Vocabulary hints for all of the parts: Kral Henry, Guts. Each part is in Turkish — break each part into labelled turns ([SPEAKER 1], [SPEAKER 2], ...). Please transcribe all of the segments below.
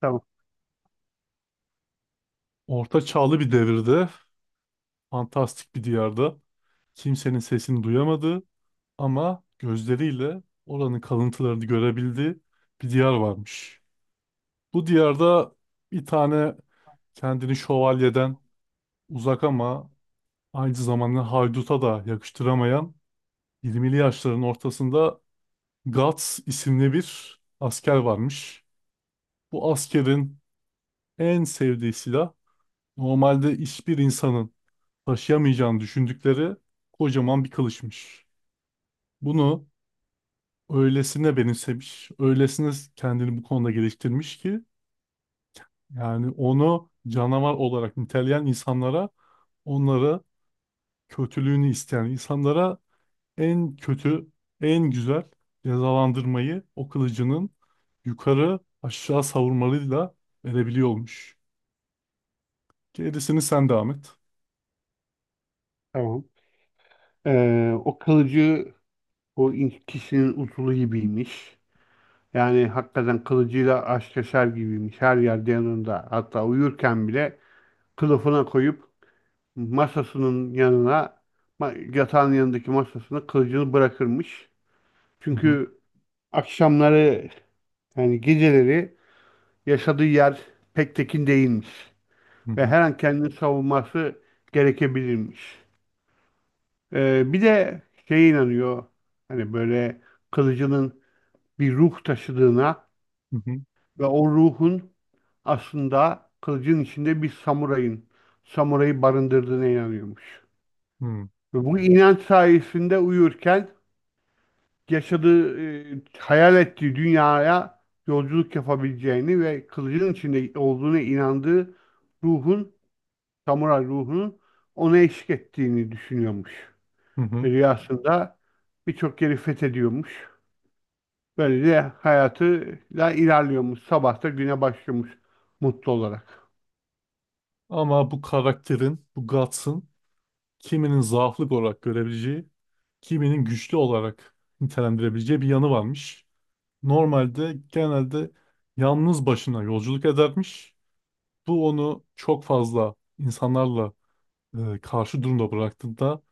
[SPEAKER 1] Tamam,
[SPEAKER 2] Orta çağlı bir devirde, fantastik bir diyarda, kimsenin sesini duyamadığı ama gözleriyle oranın kalıntılarını görebildiği bir diyar varmış. Bu diyarda bir tane kendini şövalyeden uzak ama aynı zamanda hayduta da yakıştıramayan 20'li yaşların ortasında Guts isimli bir asker varmış. Bu askerin en sevdiği silah normalde hiçbir insanın taşıyamayacağını düşündükleri kocaman bir kılıçmış. Bunu öylesine benimsemiş, öylesine kendini bu konuda geliştirmiş ki yani onu canavar olarak niteleyen insanlara, onlara kötülüğünü isteyen insanlara en kötü, en güzel cezalandırmayı o kılıcının yukarı aşağı savurmalıyla verebiliyormuş. Gerisini sen devam et.
[SPEAKER 1] tamam. O kılıcı kişinin usulü gibiymiş. Yani hakikaten kılıcıyla aşk yaşar gibiymiş. Her yerde yanında. Hatta uyurken bile kılıfına koyup masasının yanına, yatağın yanındaki masasına kılıcını bırakırmış.
[SPEAKER 2] Hı hı,
[SPEAKER 1] Çünkü akşamları yani geceleri yaşadığı yer pek tekin değilmiş.
[SPEAKER 2] hı
[SPEAKER 1] Ve
[SPEAKER 2] hı,
[SPEAKER 1] her an kendini savunması gerekebilirmiş. Bir de şeye inanıyor. Hani böyle kılıcının bir ruh taşıdığına
[SPEAKER 2] hı
[SPEAKER 1] ve o ruhun aslında kılıcın içinde bir samurayın, samurayı barındırdığına inanıyormuş.
[SPEAKER 2] hı,
[SPEAKER 1] Ve bu inanç sayesinde uyurken yaşadığı, hayal ettiği dünyaya yolculuk yapabileceğini ve kılıcın içinde olduğuna inandığı ruhun, samuray ruhunun ona eşlik ettiğini düşünüyormuş.
[SPEAKER 2] hı
[SPEAKER 1] Ve
[SPEAKER 2] hı.
[SPEAKER 1] rüyasında birçok yeri fethediyormuş. Böylece hayatıyla ilerliyormuş. Sabah da güne başlıyormuş mutlu olarak.
[SPEAKER 2] Ama bu karakterin, bu Guts'ın kiminin zaaflık olarak görebileceği, kiminin güçlü olarak nitelendirebileceği bir yanı varmış. Normalde genelde yalnız başına yolculuk edermiş. Bu onu çok fazla insanlarla karşı durumda bıraktığında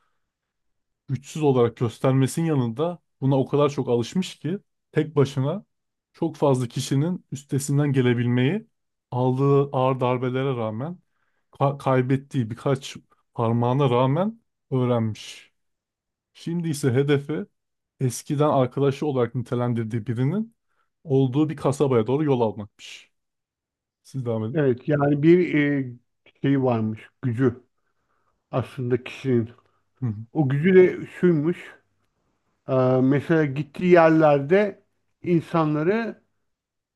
[SPEAKER 2] güçsüz olarak göstermesinin yanında buna o kadar çok alışmış ki tek başına çok fazla kişinin üstesinden gelebilmeyi aldığı ağır darbelere rağmen kaybettiği birkaç parmağına rağmen öğrenmiş. Şimdi ise hedefe eskiden arkadaşı olarak nitelendirdiği birinin olduğu bir kasabaya doğru yol almakmış. Siz devam edin.
[SPEAKER 1] Evet, yani bir şey varmış gücü aslında kişinin.
[SPEAKER 2] Hı
[SPEAKER 1] O gücü de şuymuş. e, Mesela gittiği yerlerde insanları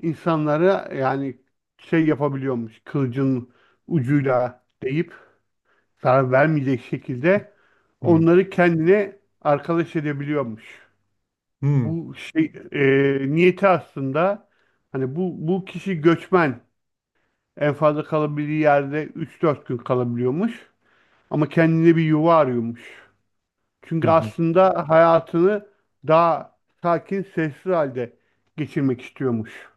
[SPEAKER 1] insanlara yani şey yapabiliyormuş. Kılıcın ucuyla deyip zarar vermeyecek şekilde
[SPEAKER 2] hı hı
[SPEAKER 1] onları kendine arkadaş edebiliyormuş.
[SPEAKER 2] hı
[SPEAKER 1] Bu şey niyeti aslında hani bu kişi göçmen, en fazla kalabildiği yerde 3-4 gün kalabiliyormuş ama kendine bir yuva arıyormuş.
[SPEAKER 2] hı.
[SPEAKER 1] Çünkü
[SPEAKER 2] Hı.
[SPEAKER 1] aslında hayatını daha sakin, sessiz halde geçirmek istiyormuş.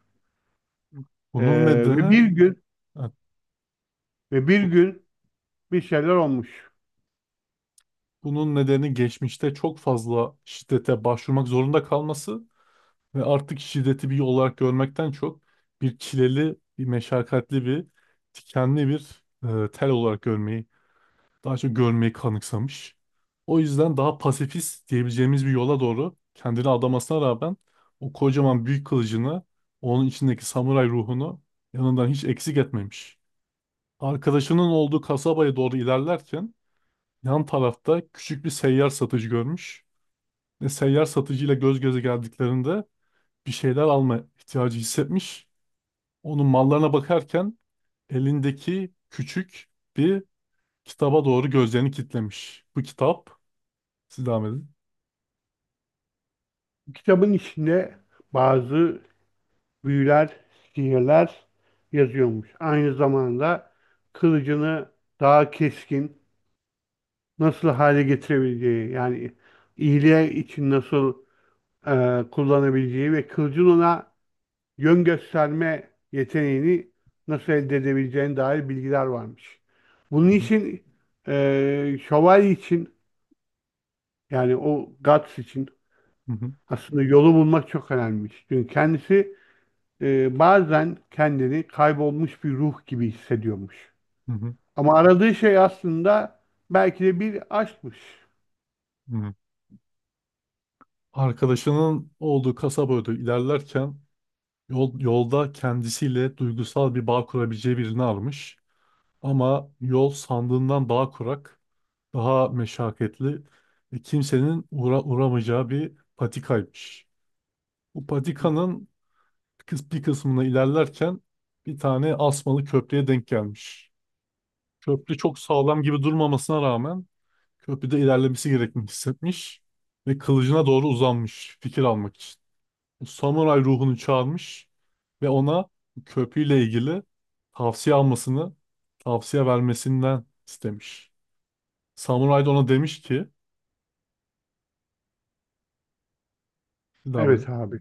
[SPEAKER 1] E,
[SPEAKER 2] Bunun
[SPEAKER 1] ve
[SPEAKER 2] nedeni
[SPEAKER 1] bir gün
[SPEAKER 2] ha,
[SPEAKER 1] Ve bir
[SPEAKER 2] bu-
[SPEAKER 1] gün bir şeyler olmuş.
[SPEAKER 2] Bunun nedeni geçmişte çok fazla şiddete başvurmak zorunda kalması ve artık şiddeti bir yol olarak görmekten çok bir çileli, bir meşakkatli bir, dikenli bir tel olarak görmeyi daha çok görmeyi kanıksamış. O yüzden daha pasifist diyebileceğimiz bir yola doğru kendini adamasına rağmen o kocaman büyük kılıcını, onun içindeki samuray ruhunu yanından hiç eksik etmemiş. Arkadaşının olduğu kasabaya doğru ilerlerken yan tarafta küçük bir seyyar satıcı görmüş ve seyyar satıcıyla göz göze geldiklerinde bir şeyler alma ihtiyacı hissetmiş. Onun mallarına bakarken elindeki küçük bir kitaba doğru gözlerini kilitlemiş. Bu kitap, siz devam edin.
[SPEAKER 1] Kitabın içinde bazı büyüler, sihirler yazıyormuş. Aynı zamanda kılıcını daha keskin nasıl hale getirebileceği, yani iyiliğe için nasıl kullanabileceği ve kılıcın ona yön gösterme yeteneğini nasıl elde edebileceğine dair bilgiler varmış. Bunun
[SPEAKER 2] Hı hı,
[SPEAKER 1] için şövalye için yani o Guts için aslında yolu bulmak çok önemliymiş. Çünkü kendisi bazen kendini kaybolmuş bir ruh gibi hissediyormuş.
[SPEAKER 2] hı hı,
[SPEAKER 1] Ama aradığı şey aslında belki de bir aşkmış.
[SPEAKER 2] hı hı. Arkadaşının olduğu kasaba doğru ilerlerken yolda kendisiyle duygusal bir bağ kurabileceği birini almış. Ama yol sandığından daha kurak, daha meşakkatli ve kimsenin uğramayacağı bir patikaymış. Bu patikanın bir kısmına ilerlerken bir tane asmalı köprüye denk gelmiş. Köprü çok sağlam gibi durmamasına rağmen köprüde ilerlemesi gerektiğini hissetmiş ve kılıcına doğru uzanmış fikir almak için. Samuray ruhunu çağırmış ve ona köprüyle ilgili tavsiye almasını, tavsiye vermesinden istemiş. Samuray da ona demiş ki, devam
[SPEAKER 1] Evet
[SPEAKER 2] edin.
[SPEAKER 1] abi.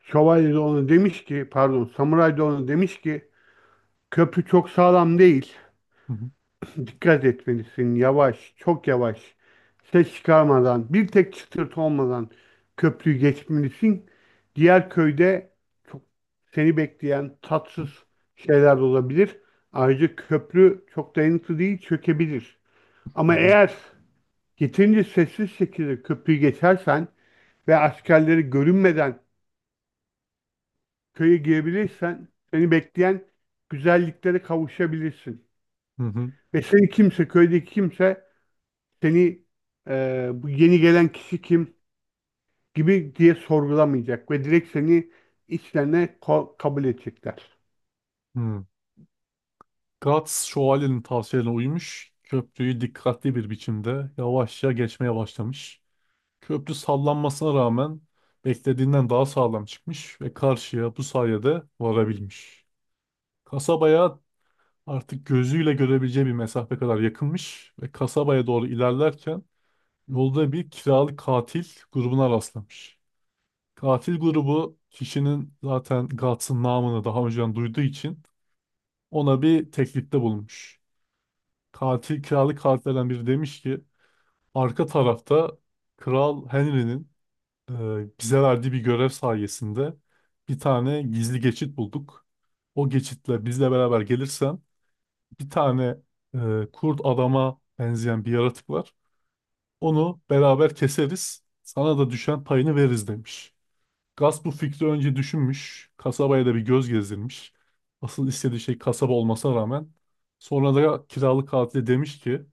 [SPEAKER 1] Şövalye de ona demiş ki, pardon, samuray da ona demiş ki köprü çok sağlam değil.
[SPEAKER 2] Hı hı,
[SPEAKER 1] Dikkat etmelisin, yavaş, çok yavaş, ses çıkarmadan, bir tek çıtırtı olmadan köprüyü geçmelisin. Diğer köyde çok seni bekleyen tatsız şeyler de olabilir. Ayrıca köprü çok dayanıklı değil, çökebilir. Ama
[SPEAKER 2] hı
[SPEAKER 1] eğer yeterince sessiz şekilde köprüyü geçersen ve askerleri görünmeden köye girebilirsen seni bekleyen güzelliklere kavuşabilirsin.
[SPEAKER 2] hı,
[SPEAKER 1] Ve seni kimse, köydeki kimse seni bu yeni gelen kişi kim gibi diye sorgulamayacak ve direkt seni içlerine kabul edecekler.
[SPEAKER 2] hı hı. Guts şövalyenin tavsiyelerine uymuş, köprüyü dikkatli bir biçimde yavaşça geçmeye başlamış. Köprü sallanmasına rağmen beklediğinden daha sağlam çıkmış ve karşıya bu sayede varabilmiş. Kasabaya artık gözüyle görebileceği bir mesafe kadar yakınmış ve kasabaya doğru ilerlerken yolda bir kiralık katil grubuna rastlamış. Katil grubu kişinin zaten Guts'ın namını daha önceden duyduğu için ona bir teklifte bulunmuş. Katil, kiralık katillerden biri demiş ki arka tarafta Kral Henry'nin bize verdiği bir görev sayesinde bir tane gizli geçit bulduk. O geçitle bizle beraber gelirsen bir tane kurt adama benzeyen bir yaratık var. Onu beraber keseriz. Sana da düşen payını veririz demiş. Gus bu fikri önce düşünmüş. Kasabaya da bir göz gezdirmiş. Asıl istediği şey kasaba olmasına rağmen. Sonra da kiralık katile demiş ki...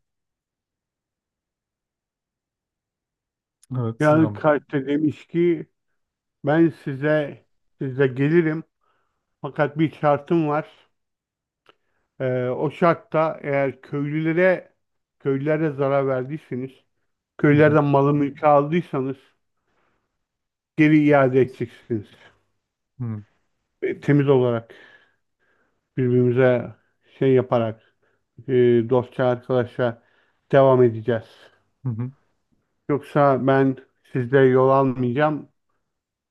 [SPEAKER 2] Evet,
[SPEAKER 1] Yani
[SPEAKER 2] Sinan.
[SPEAKER 1] kalpte demiş ki ben size gelirim fakat bir şartım var. O şartta eğer köylülere zarar verdiyseniz,
[SPEAKER 2] Hı hı,
[SPEAKER 1] köylerden malı mülkü aldıysanız geri iade edeceksiniz.
[SPEAKER 2] hı hı,
[SPEAKER 1] Temiz olarak birbirimize şey yaparak e, dostça arkadaşa devam edeceğiz.
[SPEAKER 2] hı hı.
[SPEAKER 1] Yoksa ben sizde yol almayacağım,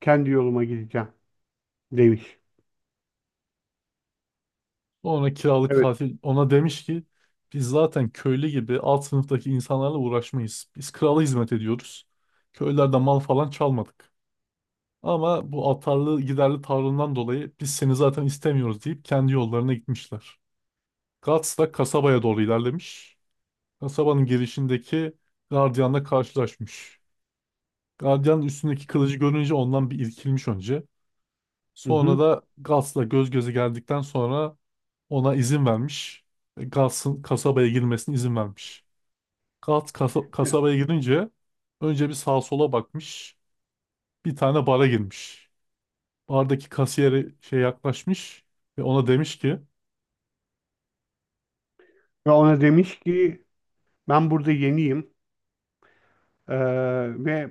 [SPEAKER 1] kendi yoluma gideceğim, demiş.
[SPEAKER 2] Ona kiralık
[SPEAKER 1] Evet.
[SPEAKER 2] katil ona demiş ki biz zaten köylü gibi alt sınıftaki insanlarla uğraşmayız. Biz krala hizmet ediyoruz. Köylerde mal falan çalmadık. Ama bu atarlı giderli tavrından dolayı biz seni zaten istemiyoruz deyip kendi yollarına gitmişler. Guts da kasabaya doğru ilerlemiş. Kasabanın girişindeki gardiyanla karşılaşmış. Gardiyanın üstündeki kılıcı görünce ondan bir irkilmiş önce.
[SPEAKER 1] Hı
[SPEAKER 2] Sonra
[SPEAKER 1] hı.
[SPEAKER 2] da Guts'la göz göze geldikten sonra ona izin vermiş. Ve Guts'ın kasabaya girmesine izin vermiş. Guts kasabaya girince önce bir sağa sola bakmış. Bir tane bara girmiş. Bardaki kasiyere şey yaklaşmış ve ona demiş ki...
[SPEAKER 1] Ve ona demiş ki ben burada yeniyim. Ee, Ve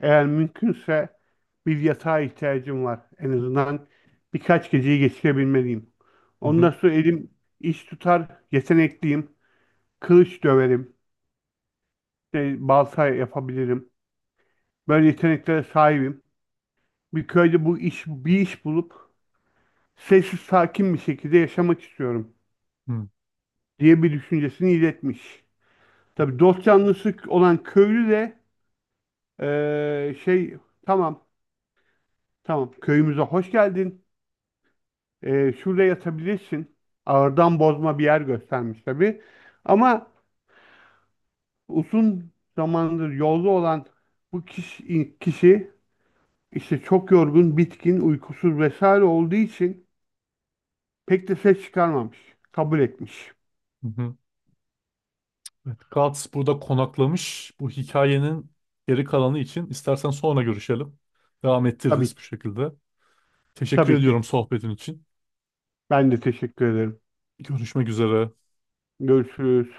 [SPEAKER 1] eğer mümkünse bir yatağa ihtiyacım var. En azından birkaç geceyi geçirebilmeliyim.
[SPEAKER 2] hı
[SPEAKER 1] Ondan
[SPEAKER 2] hı,
[SPEAKER 1] sonra elim iş tutar, yetenekliyim. Kılıç döverim, işte balta yapabilirim. Böyle yeteneklere sahibim. Bir köyde bir iş bulup sessiz sakin bir şekilde yaşamak istiyorum
[SPEAKER 2] hı,
[SPEAKER 1] diye bir düşüncesini iletmiş. Tabii dost canlısı olan köylü de ee, şey tamam, tamam, köyümüze hoş geldin. Şurada yatabilirsin. Ağırdan bozma bir yer göstermiş tabii. Ama uzun zamandır yolda olan kişi işte çok yorgun, bitkin, uykusuz vesaire olduğu için pek de ses çıkarmamış. Kabul etmiş.
[SPEAKER 2] hı hı. Evet, Guts burada konaklamış. Bu hikayenin geri kalanı için istersen sonra görüşelim. Devam
[SPEAKER 1] Tabii
[SPEAKER 2] ettiririz bu
[SPEAKER 1] ki.
[SPEAKER 2] şekilde. Teşekkür
[SPEAKER 1] Tabii ki.
[SPEAKER 2] ediyorum sohbetin için.
[SPEAKER 1] Ben de teşekkür ederim.
[SPEAKER 2] Görüşmek üzere.
[SPEAKER 1] Görüşürüz.